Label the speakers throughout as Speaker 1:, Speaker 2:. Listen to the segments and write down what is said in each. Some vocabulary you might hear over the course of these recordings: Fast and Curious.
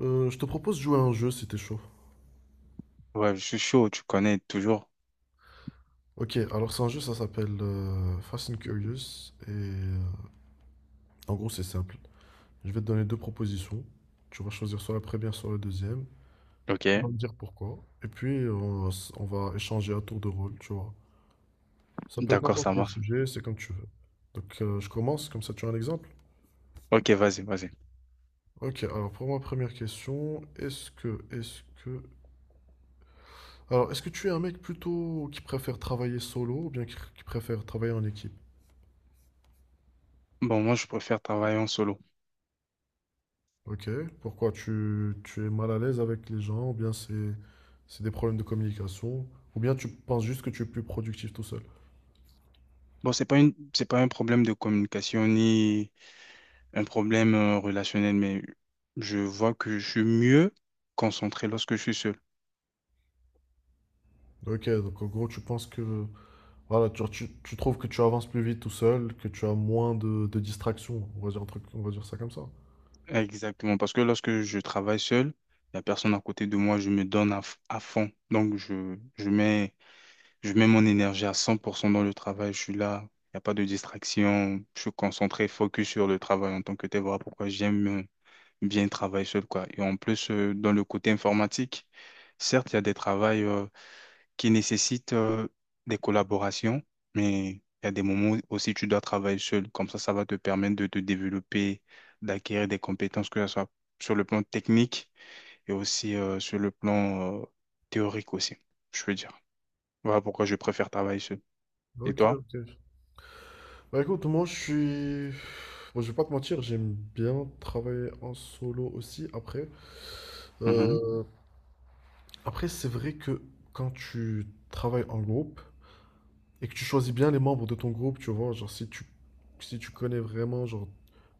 Speaker 1: Je te propose de jouer à un jeu si t'es chaud.
Speaker 2: Ouais, je suis chaud, tu connais toujours.
Speaker 1: Ok, alors c'est un jeu, ça s'appelle Fast and Curious. Et en gros, c'est simple. Je vais te donner deux propositions. Tu vas choisir soit la première, soit la deuxième.
Speaker 2: Ok,
Speaker 1: Tu vas me dire pourquoi. Et puis, on va échanger à tour de rôle, tu vois. Ça peut être
Speaker 2: d'accord,
Speaker 1: n'importe
Speaker 2: ça
Speaker 1: quel
Speaker 2: marche.
Speaker 1: sujet, c'est comme tu veux. Donc, je commence, comme ça tu as un exemple.
Speaker 2: Ok, vas-y, vas-y.
Speaker 1: Ok, alors pour ma première question, alors, est-ce que tu es un mec plutôt qui préfère travailler solo ou bien qui préfère travailler en équipe?
Speaker 2: Bon, moi, je préfère travailler en solo.
Speaker 1: Ok. Pourquoi tu es mal à l'aise avec les gens, ou bien c'est des problèmes de communication, ou bien tu penses juste que tu es plus productif tout seul.
Speaker 2: Bon, c'est pas un problème de communication ni un problème relationnel, mais je vois que je suis mieux concentré lorsque je suis seul.
Speaker 1: Ok, donc en gros, tu penses que voilà, tu trouves que tu avances plus vite tout seul, que tu as moins de distractions, on va dire un truc, on va dire ça comme ça.
Speaker 2: Exactement, parce que lorsque je travaille seul, il n'y a personne à côté de moi, je me donne à fond. Donc, je mets mon énergie à 100% dans le travail, je suis là, il n'y a pas de distraction, je suis concentré, focus sur le travail en tant que tel. Voilà pourquoi j'aime bien travailler seul, quoi. Et en plus, dans le côté informatique, certes, il y a des travails qui nécessitent des collaborations, mais il y a des moments aussi tu dois travailler seul. Comme ça va te permettre de te développer, d'acquérir des compétences, que ce soit sur le plan technique et aussi sur le plan théorique aussi, je veux dire. Voilà pourquoi je préfère travailler seul. Et
Speaker 1: Ok,
Speaker 2: toi?
Speaker 1: ok. Bah écoute, moi je suis. Bon, je vais pas te mentir, j'aime bien travailler en solo aussi après.
Speaker 2: Mhm.
Speaker 1: Euh, Après, c'est vrai que quand tu travailles en groupe, et que tu choisis bien les membres de ton groupe, tu vois, genre si tu connais vraiment genre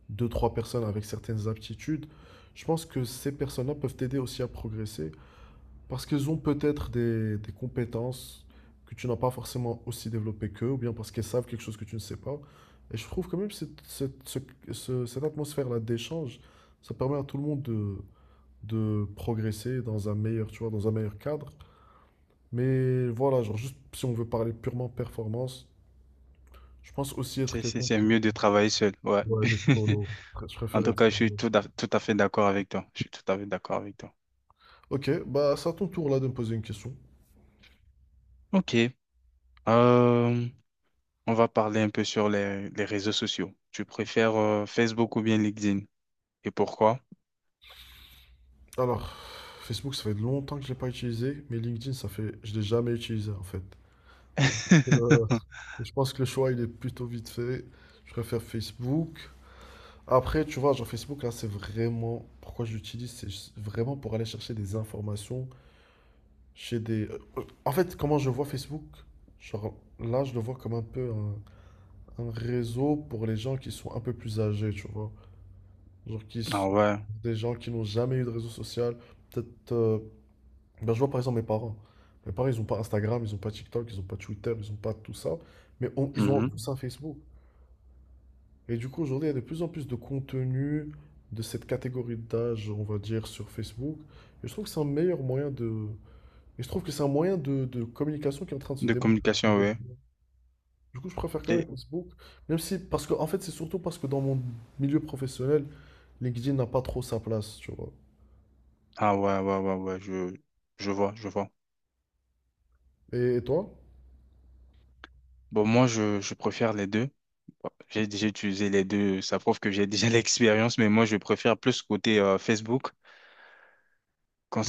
Speaker 1: deux, trois personnes avec certaines aptitudes, je pense que ces personnes-là peuvent t'aider aussi à progresser parce qu'elles ont peut-être des compétences que tu n'as pas forcément aussi développées qu'eux ou bien parce qu'elles savent quelque chose que tu ne sais pas. Et je trouve quand même cette atmosphère-là d'échange, ça permet à tout le monde de progresser dans un meilleur, tu vois, dans un meilleur cadre. Mais voilà, genre juste si on veut parler purement performance, je pense aussi être
Speaker 2: C'est, c'est,
Speaker 1: quelqu'un
Speaker 2: c'est
Speaker 1: qui...
Speaker 2: mieux de travailler seul, ouais.
Speaker 1: Ouais, d'être solo. Je
Speaker 2: En
Speaker 1: préfère
Speaker 2: tout
Speaker 1: être
Speaker 2: cas, je suis
Speaker 1: solo.
Speaker 2: tout à fait d'accord avec toi. Je suis tout à fait d'accord avec toi.
Speaker 1: Ok, bah c'est à ton tour là de me poser une question.
Speaker 2: Ok. Euh, on va parler un peu sur les réseaux sociaux. Tu préfères Facebook ou bien LinkedIn? Et pourquoi?
Speaker 1: Alors, Facebook, ça fait longtemps que je l'ai pas utilisé, mais LinkedIn, ça fait... Je l'ai jamais utilisé en fait. Donc, euh, je pense que le choix, il est plutôt vite fait. Je préfère Facebook. Après, tu vois, genre Facebook, là, c'est vraiment... Pourquoi je l'utilise, c'est juste vraiment pour aller chercher des informations chez des... en fait, comment je vois Facebook, genre là, je le vois comme un peu un réseau pour les gens qui sont un peu plus âgés, tu vois. Genre qui,
Speaker 2: Ah
Speaker 1: s-
Speaker 2: ouais.
Speaker 1: des gens qui n'ont jamais eu de réseau social. Peut-être. Ben, je vois par exemple mes parents. Mes parents, ils n'ont pas Instagram, ils n'ont pas TikTok, ils n'ont pas Twitter, ils n'ont pas tout ça. Mais on- ils ont
Speaker 2: Mhm.
Speaker 1: tous un Facebook. Et du coup, aujourd'hui, il y a de plus en plus de contenu de cette catégorie d'âge, on va dire, sur Facebook. Et je trouve que c'est un meilleur moyen de. Et je trouve que c'est un moyen de communication qui est en train de se
Speaker 2: De communication,
Speaker 1: démocratiser.
Speaker 2: ouais.
Speaker 1: Du coup, je préfère quand même
Speaker 2: Et...
Speaker 1: Facebook. Même si, parce que, en fait, c'est surtout parce que dans mon milieu professionnel, LinkedIn n'a pas trop sa place, tu vois.
Speaker 2: Ah ouais, ouais, ouais, ouais, je vois, je vois.
Speaker 1: Et toi?
Speaker 2: Bon, moi, je préfère les deux. Bon, j'ai déjà utilisé les deux, ça prouve que j'ai déjà l'expérience, mais moi, je préfère plus côté Facebook.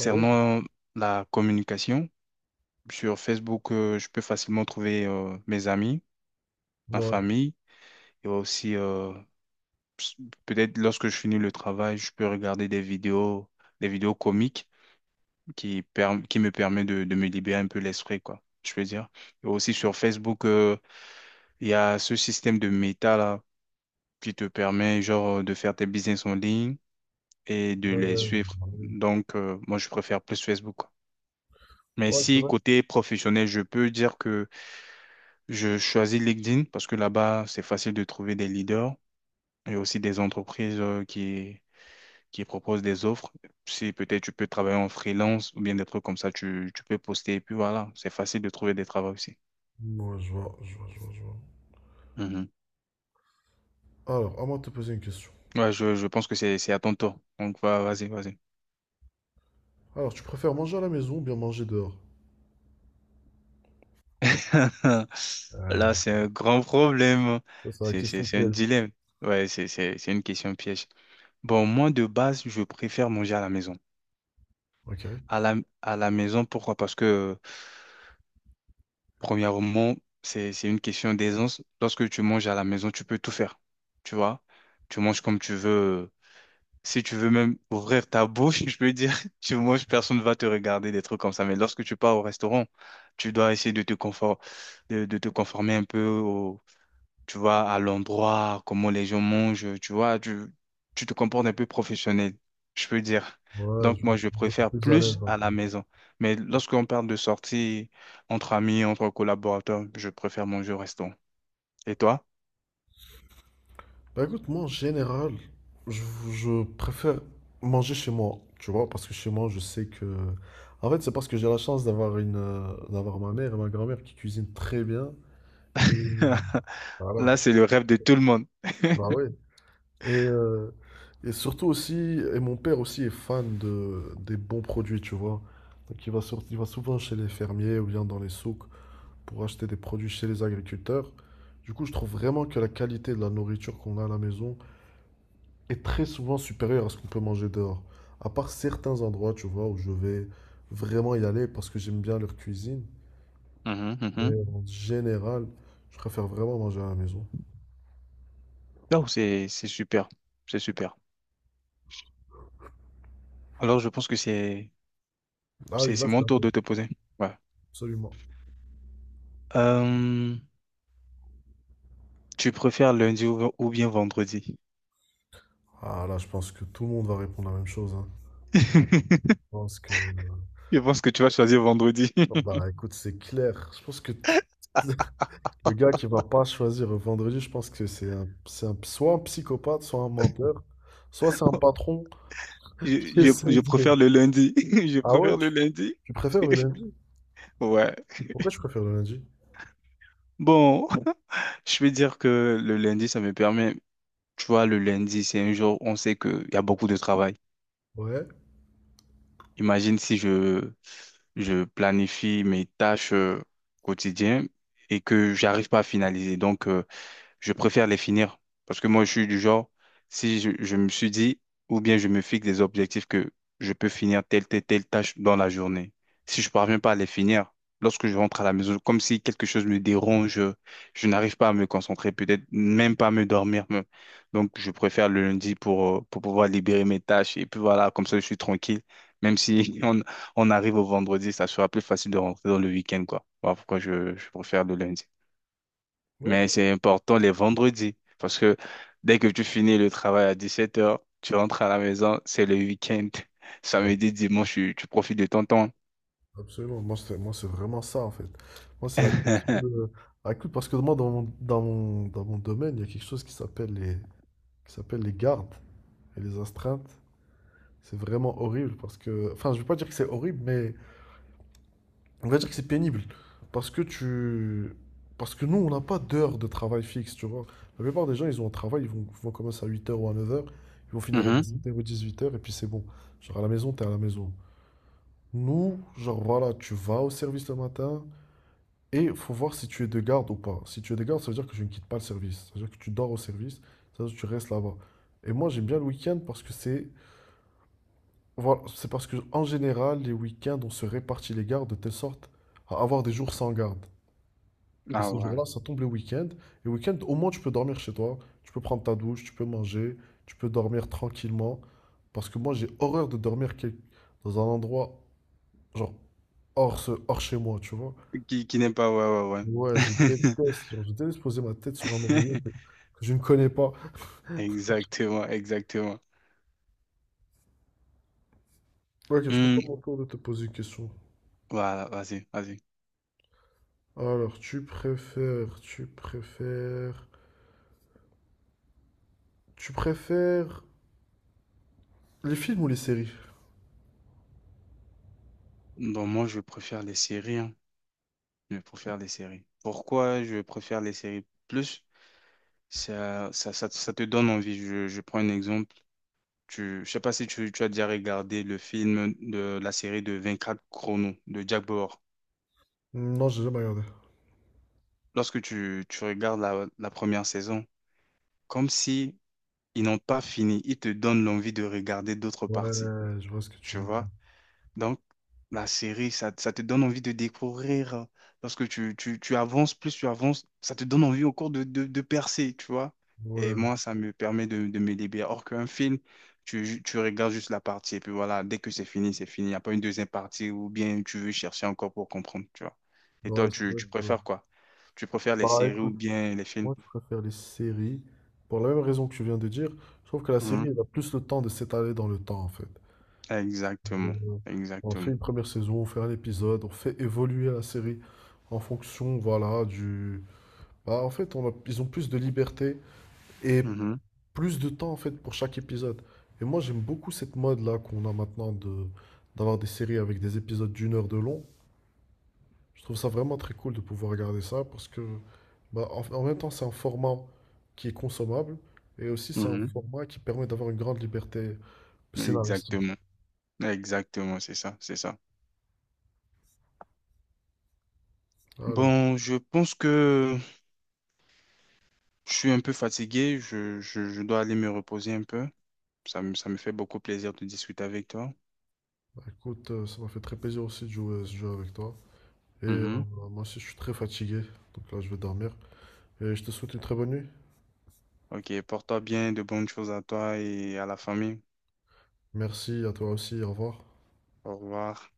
Speaker 1: Ah oui.
Speaker 2: la communication, sur Facebook, je peux facilement trouver mes amis, ma
Speaker 1: Ouais,
Speaker 2: famille, et aussi s- peut-être lorsque je finis le travail, je peux regarder des vidéos comiques qui me permet de me libérer un peu l'esprit, quoi, je peux dire. Et aussi sur Facebook, il y a ce système de méta là qui te permet genre de faire tes business en ligne et de les
Speaker 1: euh,
Speaker 2: suivre.
Speaker 1: ah oui.
Speaker 2: Donc, moi, je préfère plus Facebook, quoi. Mais
Speaker 1: Ouais, c'est
Speaker 2: si
Speaker 1: vrai.
Speaker 2: côté professionnel, je peux dire que je choisis LinkedIn parce que là-bas, c'est facile de trouver des leaders et aussi des entreprises qui proposent des offres. Si peut-être tu peux travailler en freelance ou bien des trucs comme ça, tu peux poster et puis voilà, c'est facile de trouver des travaux aussi.
Speaker 1: Ouais, je vois, je vois, je vois, je vois.
Speaker 2: Mhm.
Speaker 1: Alors, à moi de te poser une question.
Speaker 2: Ouais, je pense que c'est à ton tour. Donc, vas-y, vas-y.
Speaker 1: Alors, tu préfères manger à la maison ou bien manger dehors? Euh,
Speaker 2: Là, c'est un grand problème.
Speaker 1: Ça, c'est la
Speaker 2: C'est, c'est,
Speaker 1: question
Speaker 2: c'est un
Speaker 1: piège.
Speaker 2: dilemme. Ouais, c'est une question piège. Bon, moi, de base, je préfère manger à la maison.
Speaker 1: Ok.
Speaker 2: À la, à la maison, pourquoi? Parce que premièrement, c'est une question d'aisance. Lorsque tu manges à la maison, tu peux tout faire. Tu vois? Tu manges comme tu veux. Si tu veux même ouvrir ta bouche, je peux dire, tu manges, personne ne va te regarder, des trucs comme ça. Mais lorsque tu pars au restaurant, tu dois essayer de te conformer un peu tu vois, à l'endroit, comment les gens mangent, tu vois, tu te comportes un peu professionnel, je peux dire.
Speaker 1: Ouais,
Speaker 2: Donc,
Speaker 1: je
Speaker 2: moi,
Speaker 1: vois.
Speaker 2: je
Speaker 1: Je suis
Speaker 2: préfère
Speaker 1: plus à l'aise.
Speaker 2: plus à la maison. Mais lorsqu'on parle de sortie entre amis, entre collaborateurs, je préfère manger au restaurant. Et toi?
Speaker 1: Bah écoute, moi en général, je, je préfère manger chez moi, tu vois, parce que chez moi, je sais que... En fait, c'est parce que j'ai la chance d'avoir une, d'avoir ma mère et ma grand-mère qui cuisinent très bien. Et voilà,
Speaker 2: Là, c'est le rêve de tout le monde.
Speaker 1: bah ouais. Et, euh, et surtout aussi, et mon père aussi est fan des bons produits, tu vois. Donc il va, il va souvent chez les fermiers ou bien dans les souks pour acheter des produits chez les agriculteurs. Du coup, je trouve vraiment que la qualité de la nourriture qu'on a à la maison est très souvent supérieur à ce qu'on peut manger dehors. À part certains endroits, tu vois, où je vais vraiment y aller parce que j'aime bien leur cuisine.
Speaker 2: Mhm,
Speaker 1: Mais
Speaker 2: mhm.
Speaker 1: en général, je préfère vraiment manger à la maison.
Speaker 2: Oh, c'est super. C'est super. Alors, je pense que c'est,
Speaker 1: Ah oui,
Speaker 2: c'est,
Speaker 1: là,
Speaker 2: c'est
Speaker 1: c'est
Speaker 2: mon tour
Speaker 1: vrai,
Speaker 2: de te poser. Ouais.
Speaker 1: absolument.
Speaker 2: Euh, Tu préfères lundi ou bien vendredi?
Speaker 1: Ah là, je pense que tout le monde va répondre la même chose, hein. Je pense que...
Speaker 2: Je pense que tu vas choisir vendredi.
Speaker 1: Oh, bah écoute, c'est clair. Je pense que le gars qui va pas choisir vendredi, je pense que c'est un, soit un psychopathe, soit un menteur, soit c'est un patron
Speaker 2: Je,
Speaker 1: qui
Speaker 2: je, je
Speaker 1: essaye de...
Speaker 2: préfère le lundi. Je
Speaker 1: Ah ouais,
Speaker 2: préfère le lundi.
Speaker 1: tu préfères le lundi?
Speaker 2: Ouais.
Speaker 1: Pourquoi je préfère le lundi?
Speaker 2: Bon, je vais dire que le lundi, ça me permet. Tu vois, le lundi, c'est un jour, où on sait qu'il y a beaucoup de travail.
Speaker 1: Ouais,
Speaker 2: Imagine si je planifie mes tâches quotidiennes et que j'arrive pas à finaliser. Donc, je préfère les finir. Parce que moi, je suis du genre, si je me suis dit, ou bien je me fixe des objectifs que je peux finir telle tâche dans la journée. Si je parviens pas à les finir, lorsque je rentre à la maison, comme si quelque chose me dérange, je n'arrive pas à me concentrer, peut-être même pas à me dormir. Donc, je préfère le lundi pour pouvoir libérer mes tâches. Et puis voilà, comme ça, je suis tranquille. Même si on arrive au vendredi, ça sera plus facile de rentrer dans le week-end, quoi. Voilà pourquoi je préfère le lundi.
Speaker 1: ok.
Speaker 2: Mais c'est important les vendredis, parce que dès que tu finis le travail à 17h, tu rentres à la maison, c'est le week-end.
Speaker 1: Bah,
Speaker 2: Samedi, dimanche, tu profites de ton temps.
Speaker 1: absolument. Moi, c'est vraiment ça, en fait. Moi, c'est la question de... Ah, écoute, parce que moi, dans mon domaine, il y a quelque chose qui s'appelle les gardes et les astreintes. C'est vraiment horrible parce que... Enfin, je vais pas dire que c'est horrible, mais on va dire que c'est pénible. Parce que tu... Parce que nous, on n'a pas d'heure de travail fixe, tu vois. La plupart des gens, ils ont un travail, ils vont commencer à 8 h ou à 9 h, ils vont finir à
Speaker 2: Mhm.
Speaker 1: dix 17h ou 8 h, et puis c'est bon. Genre, à la maison, t'es à la maison. Nous, genre voilà, tu vas au service le matin et faut voir si tu es de garde ou pas. Si tu es de garde, ça veut dire que je ne quitte pas le service. Ça veut dire que tu dors au service, ça veut dire que tu restes là-bas. Et moi, j'aime bien le week-end parce que c'est voilà, c'est parce que en général, les week-ends, on se répartit les gardes de telle sorte à avoir des jours sans garde. Et
Speaker 2: Ah
Speaker 1: ces
Speaker 2: ouais.
Speaker 1: jours-là, ça tombe les week ends. Et week-end, au moins, tu peux dormir chez toi, tu peux prendre ta douche, tu peux manger, tu peux dormir tranquillement. Parce que moi, j'ai horreur de dormir dans un endroit genre hors chez moi, tu vois.
Speaker 2: Qui n'aime pas, ouais, ouais,
Speaker 1: Ouais, je
Speaker 2: ouais.
Speaker 1: déteste, genre, je déteste poser ma tête sur un oreiller que je ne connais pas.
Speaker 2: Exactement, exactement.
Speaker 1: Ok, je pense à
Speaker 2: Hmm,
Speaker 1: mon tour de te poser une question.
Speaker 2: voilà, vas-y, vas-y.
Speaker 1: Alors, tu préfères les films ou les séries?
Speaker 2: Bon, moi, je préfère les séries, hein. Je préfère les séries. Pourquoi je préfère les séries plus? Ça te donne envie. Je prends un exemple. Je sais pas si tu as déjà regardé le film de la série de 24 chronos de Jack Bauer.
Speaker 1: Hmm. Non, j'ai jamais regardé.
Speaker 2: Lorsque tu regardes la première saison, comme si ils n'ont pas fini, ils te donnent l'envie de regarder d'autres parties.
Speaker 1: Ouais, je vois ce que tu
Speaker 2: Tu
Speaker 1: veux dire.
Speaker 2: vois? Donc, la série, ça te donne envie de découvrir. Hein, parce que tu avances, plus tu avances, ça te donne envie au cours de percer, tu vois. Et
Speaker 1: Ouais,
Speaker 2: moi, ça me permet de me libérer. Or qu'un film, tu regardes juste la partie, et puis voilà, dès que c'est fini, c'est fini. Il n'y a pas une deuxième partie ou bien tu veux chercher encore pour comprendre, tu vois. Et
Speaker 1: ouais,
Speaker 2: toi,
Speaker 1: c'est
Speaker 2: tu,
Speaker 1: vrai
Speaker 2: tu
Speaker 1: que...
Speaker 2: préfères quoi? Tu préfères les
Speaker 1: Bah
Speaker 2: séries ou
Speaker 1: écoute,
Speaker 2: bien les films?
Speaker 1: moi je préfère les séries pour la même raison que tu viens de dire. Je trouve que la série,
Speaker 2: Mhm.
Speaker 1: elle a plus le temps de s'étaler dans le temps en fait. Euh,
Speaker 2: Exactement,
Speaker 1: On fait
Speaker 2: exactement.
Speaker 1: une première saison, on fait un épisode, on fait évoluer la série en fonction, voilà, du... Bah, en fait, on a- ils ont plus de liberté et
Speaker 2: Mhm.
Speaker 1: plus de temps, en fait, pour chaque épisode. Et moi, j'aime beaucoup cette mode-là qu'on a maintenant de d'avoir des séries avec des épisodes d'1 heure de long. Je trouve ça vraiment très cool de pouvoir regarder ça parce que, bah, en même temps, c'est un format qui est consommable et aussi c'est un format qui permet d'avoir une grande liberté
Speaker 2: Mhm.
Speaker 1: scénaristique.
Speaker 2: Exactement, exactement, c'est ça, c'est ça.
Speaker 1: Voilà.
Speaker 2: Bon, je pense que je suis un peu fatigué. Je dois aller me reposer un peu. Ça me fait beaucoup plaisir de discuter avec toi.
Speaker 1: Bah, écoute, ça m'a fait très plaisir aussi de jouer à ce jeu avec toi. Et
Speaker 2: Mhm.
Speaker 1: moi aussi, je suis très fatigué, donc là, je vais dormir. Et je te souhaite une très bonne nuit.
Speaker 2: Ok, porte-toi bien, de bonnes choses à toi et à la famille.
Speaker 1: Merci à toi aussi, au revoir.
Speaker 2: Au revoir.